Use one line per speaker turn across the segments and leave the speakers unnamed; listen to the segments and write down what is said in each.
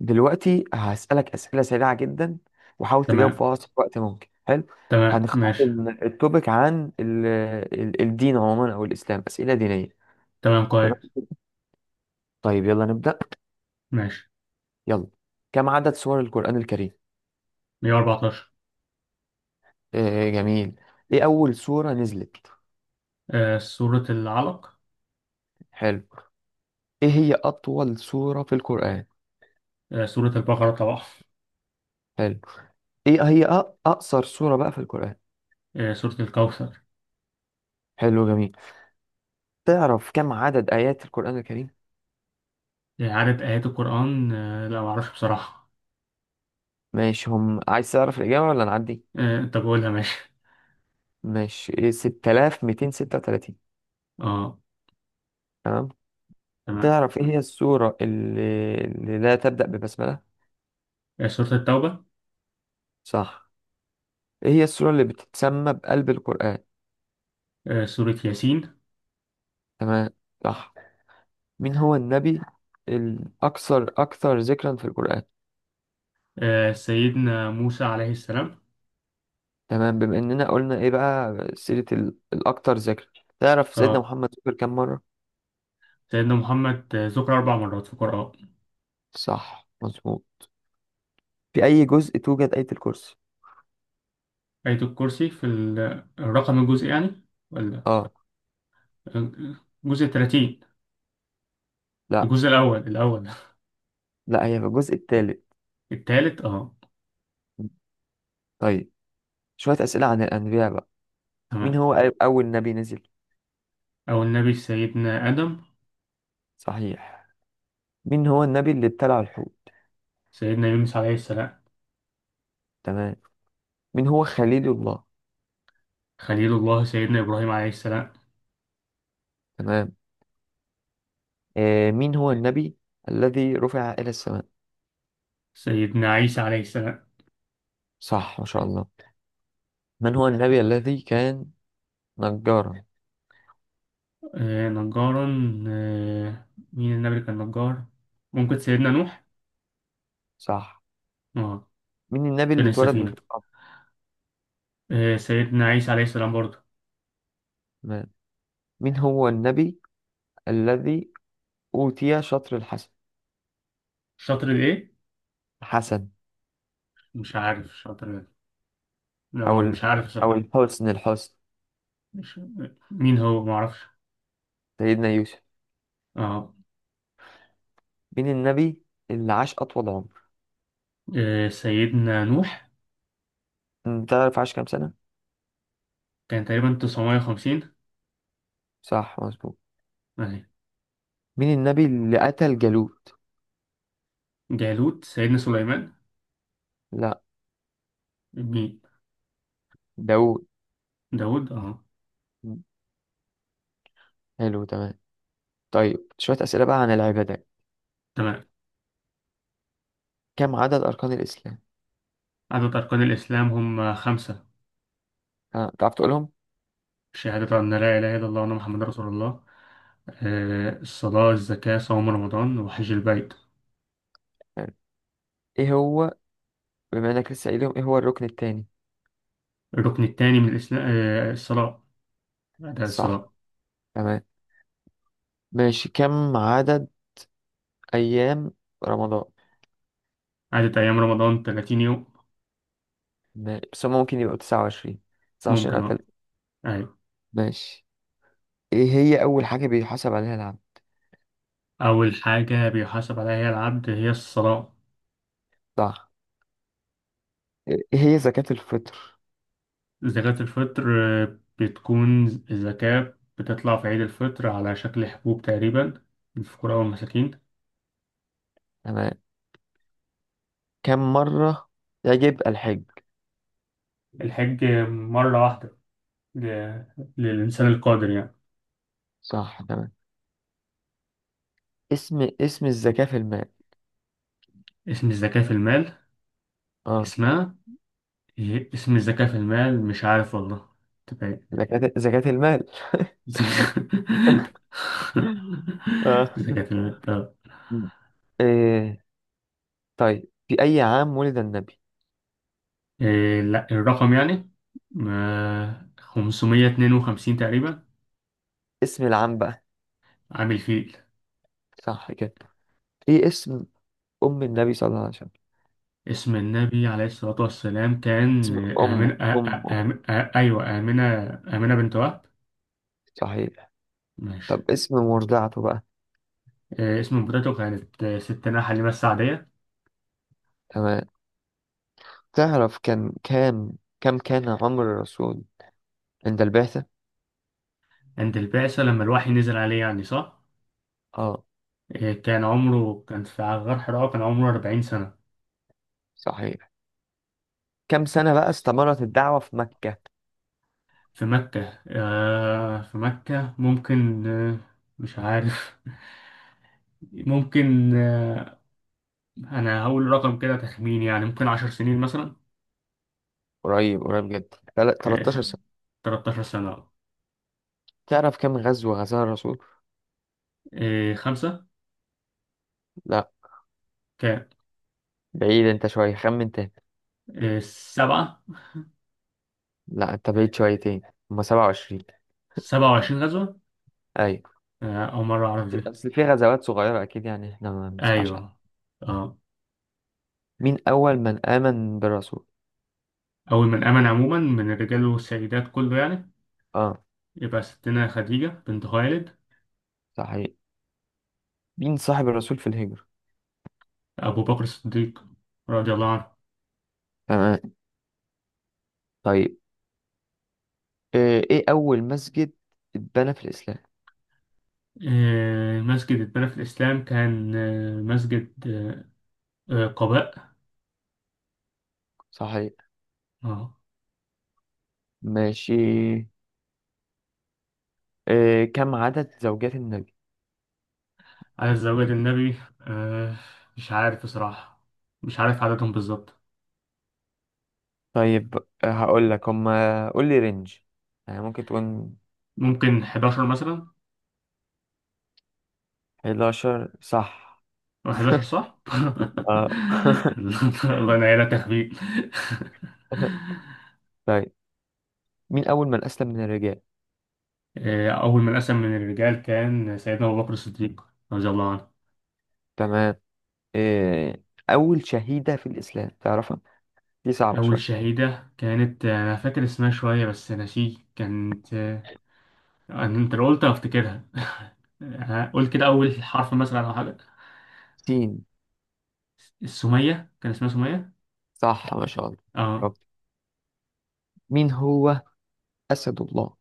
دلوقتي هسألك أسئلة سريعة جدا، وحاول تجاوب
تمام.
في أقصر وقت ممكن. حلو.
تمام،
هنختار
ماشي.
التوبيك عن الدين عموما، أو الإسلام، أسئلة دينية.
تمام،
تمام.
كويس.
طيب يلا نبدأ.
ماشي.
يلا. كم عدد سور القرآن الكريم؟
114.
آه جميل. إيه أول سورة نزلت؟
آه، سورة العلق.
حلو. إيه هي أطول سورة في القرآن؟
آه، سورة البقرة طبعا.
حلو. إيه هي أقصر سورة بقى في القرآن؟
آه، سورة الكوثر.
حلو جميل. تعرف كم عدد آيات القرآن الكريم؟
آه، عدد آيات القرآن، لا معرفش بصراحة.
ماشي. هم عايز تعرف الإجابة ولا نعدي؟
آه، أنت بقولها ماشي.
ماشي، 6236.
اه.
تمام.
تمام.
تعرف ايه هي السورة اللي لا تبدأ ببسملة؟
آه، سورة التوبة.
صح. ايه هي السورة اللي بتتسمى بقلب القرآن؟
آه، سورة ياسين.
تمام، صح. مين هو النبي الأكثر ذكرا في القرآن؟
آه، سيدنا موسى عليه السلام.
تمام. بما إننا قلنا ايه بقى سيرة الأكثر ذكر، تعرف سيدنا
اه،
محمد ذكر كم مرة؟
سيدنا محمد ذكر أربع مرات في القرآن.
صح مظبوط. في أي جزء توجد آية الكرسي؟
آية الكرسي في الرقم الجزء يعني؟ ولا
اه.
الجزء 30؟
لا
الجزء الأول.
لا، هي في الجزء الثالث.
التالت، اه.
طيب شوية أسئلة عن الأنبياء بقى. مين
تمام.
هو أول نبي نزل؟
أو النبي سيدنا آدم.
صحيح. مين هو النبي اللي ابتلع الحوت؟
سيدنا يونس عليه السلام.
تمام. مين هو خليل الله؟
خليل الله سيدنا إبراهيم عليه السلام.
تمام. آه، مين هو النبي الذي رفع إلى السماء؟
سيدنا عيسى عليه السلام.
صح، ما شاء الله. من هو النبي الذي كان نجارا؟
آه، نجارا. آه مين النبي اللي كان نجار؟ ممكن سيدنا نوح.
صح.
اه.
مين النبي اللي
كان
اتولد من
السفينة.
الأرض؟
آه، سيدنا عيسى عليه السلام برضه.
تمام. مين هو النبي الذي أوتي شطر الحسن
شاطر الإيه؟
الحسن؟
مش عارف شاطر إيه. لا،
أو
مش
ال...
عارف
أو
صراحة.
الحسن الحسن؟
مش مين هو معرفش.
سيدنا يوسف.
اه.
مين النبي اللي عاش أطول عمر؟
آه، سيدنا نوح.
أنت تعرف عاش كام سنة؟
كان تقريبا 950.
صح مظبوط.
أهي.
مين النبي اللي قتل جالوت؟
جالوت سيدنا سليمان.
لا،
مين؟
داوود.
داود، اه.
حلو تمام. طيب شوية أسئلة بقى عن العبادات.
تمام.
كم عدد أركان الإسلام؟
عدد أركان الإسلام هم خمسة.
ها، تعرف تقولهم؟
شهادة أن لا إله إلا الله وأن محمد رسول الله. آه، الصلاة، الزكاة، صوم رمضان، وحج البيت.
حلو. إيه هو، بما إنك لسه قايلهم، إيه هو الركن التاني؟
الركن الثاني من الإسلام، الصلاة، أداء
صح
الصلاة.
تمام. ماشي. كم عدد أيام رمضان؟
عدد أيام رمضان 30 يوم.
بس هما ممكن يبقوا 29. 29
ممكن
قتل.
أه أيوة.
ماشي. إيه هي أول حاجة بيحاسب عليها العبد؟
أول حاجة بيحاسب عليها العبد هي الصلاة.
صح. إيه هي زكاة الفطر؟
زكاة الفطر بتكون، الزكاة بتطلع في عيد الفطر على شكل حبوب تقريبا، للفقراء والمساكين.
تمام. كم مرة يجب الحج؟
الحج مرة واحدة، ل- للإنسان القادر يعني.
صح تمام. اسم الزكاة في المال.
اسم الزكاة في المال؟
اه.
اسمها إيه؟ اسم الزكاة في المال مش عارف والله. تبقى إيه؟
زكاة المال. اه.
زكاة في المال، طب.
م. إيه. طيب في أي عام ولد النبي؟
إيه؟ لا، الرقم يعني، ما 552 تقريبا.
اسم العام بقى.
عامل فيل.
صح كده. ايه اسم أم النبي صلى الله عليه وسلم؟
اسم النبي عليه الصلاة والسلام كان
اسم أمه
آمنة.
أمه
أيوه، آمنة. آمنة بنت وهب.
صحيح.
ماشي.
طب اسم مرضعته بقى.
إيه اسم مرته؟ كانت ست نحل مسة عادية.
تمام. تعرف كان كام كم كان عمر الرسول عند البعثة؟
عند البعثة لما الوحي نزل عليه يعني، صح؟
اه.
آه، كان في غار حراء، كان عمره 40 سنة.
صحيح. كم سنة بقى استمرت الدعوة في مكة؟
في مكة. في مكة ممكن، مش عارف. ممكن. أنا هقول رقم كده، تخمين يعني، ممكن 10 سنين مثلا.
قريب قريب جدا. 13
آه،
سنة.
13 سنة.
تعرف كم غزوة غزاها الرسول؟
آه، خمسة.
لا،
كام؟
بعيد انت شوية، خمن.
آه، سبعة.
لا، انت بعيد شويتين. هما 27.
27 غزوة.
ايوه.
آه، أول مرة أعرف دي.
اصل في غزوات صغيرة اكيد، يعني احنا ما بنسمعش عنها.
أيوه أه
مين اول من امن بالرسول؟
أول من آمن عموما من الرجال والسيدات كله يعني،
اه.
يبقى ستنا خديجة بنت خويلد.
صحيح. مين صاحب الرسول في الهجرة؟
أبو بكر الصديق رضي الله عنه.
تمام. طيب آه، ايه اول مسجد اتبنى في الاسلام؟
آه، مسجد اتبنى في الإسلام كان مسجد، قباء.
صحيح.
اه.
ماشي. آه، كم عدد زوجات النبي؟
على زواج النبي، آه، مش عارف بصراحة، مش عارف عددهم بالظبط.
طيب آه، هقول لك هما، قول لي رينج، يعني ممكن تقول.
ممكن 11 مثلا.
11 صح.
أو 11 صح؟
اه.
الله ينعينا تخبيء.
طيب مين اول من اسلم من الرجال؟
آه، أول من أسلم من الرجال كان سيدنا أبو بكر الصديق رضي الله عنه.
تمام. آه، أول شهيدة في الإسلام تعرفها؟ دي صعبة
أول
شوية.
شهيدة كانت، أنا فاكر اسمها شوية بس ناسيه كانت. انت لو قلت هفتكرها. قول كده، اول حرف مثلا او حاجه.
سين.
السميه، كان اسمها سميه.
صح، ما شاء الله.
اه.
برافو. مين هو أسد الله؟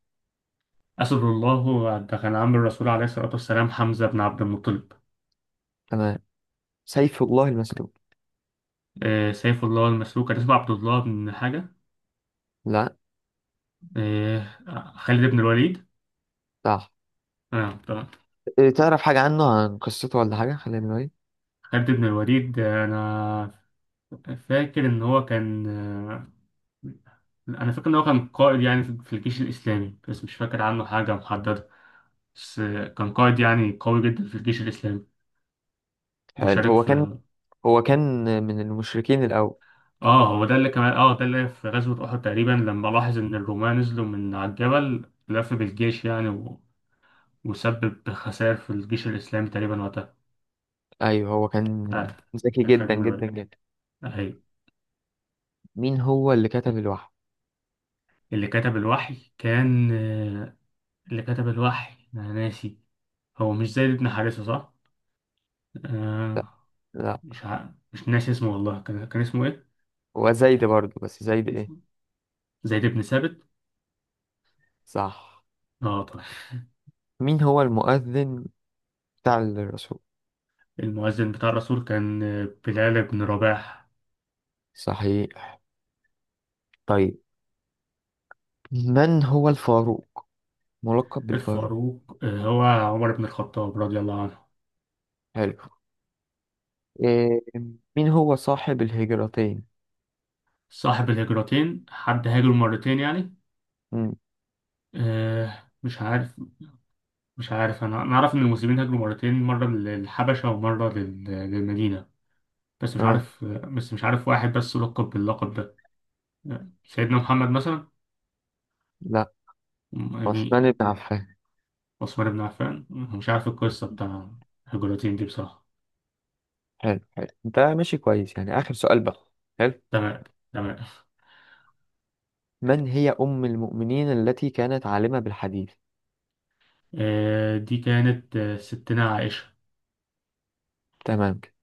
اسد الله ده كان عم الرسول عليه الصلاه والسلام حمزه بن عبد المطلب.
تمام. سيف الله المسلول.
آه، سيف الله المسلوك كان اسمه عبد الله بن حاجه.
لا.
آه. خالد بن الوليد.
صح.
اه، طبعا.
آه، تعرف حاجة عنه، عن قصته ولا حاجة؟ خلينا نقول.
خالد بن الوليد، انا فاكر ان هو كان، انا فاكر ان هو كان قائد يعني، في الجيش الاسلامي، بس مش فاكر عنه حاجه محدده. بس كان قائد يعني، قوي جدا في الجيش الاسلامي،
حلو.
وشارك
هو كان
في،
هو كان من المشركين الأول.
اه، هو ده اللي كمان، ده اللي في غزوة أحد تقريبا، لما لاحظ إن الرومان نزلوا من على الجبل، لف بالجيش يعني، و... وسبب خسائر في الجيش الإسلامي تقريبا وقتها.
أيوه، هو كان
آه.
ذكي
كان خالد
جدا
بن
جدا
الوليد،
جدا.
أهي.
مين هو اللي كتب الوحي؟
اللي كتب الوحي كان، اللي كتب الوحي أنا ناسي. هو مش زيد بن حارثة، صح؟
لا
آه.
لا،
مش ناسي اسمه والله. كان اسمه إيه؟
هو زيد برضه، بس زيد إيه؟
زيد بن ثابت.
صح.
اه، طبعا.
مين هو المؤذن بتاع الرسول؟
المؤذن بتاع الرسول كان بلال بن رباح.
صحيح. طيب من هو الفاروق، ملقب بالفاروق؟
الفاروق، هو عمر بن الخطاب رضي الله عنه.
حلو. إيه، مين هو صاحب الهجرتين؟
صاحب الهجرتين، حد هاجر مرتين يعني؟
مم.
آه، مش عارف. مش عارف، انا اعرف ان المسلمين هاجروا مرتين، مره للحبشه ومره للمدينه. بس مش
اه
عارف، واحد بس لقب باللقب ده. آه، سيدنا محمد مثلا،
لا.
يعني.
عثمان بن عفان.
عثمان بن عفان، مش عارف القصه بتاع الهجرتين دي بصراحه.
حلو. حلو ده، ماشي كويس يعني. آخر سؤال بقى. حلو.
تمام، تمام.
من هي أم المؤمنين التي كانت عالمة بالحديث؟
آه، دي كانت، ستنا عائشه.
تمام كده.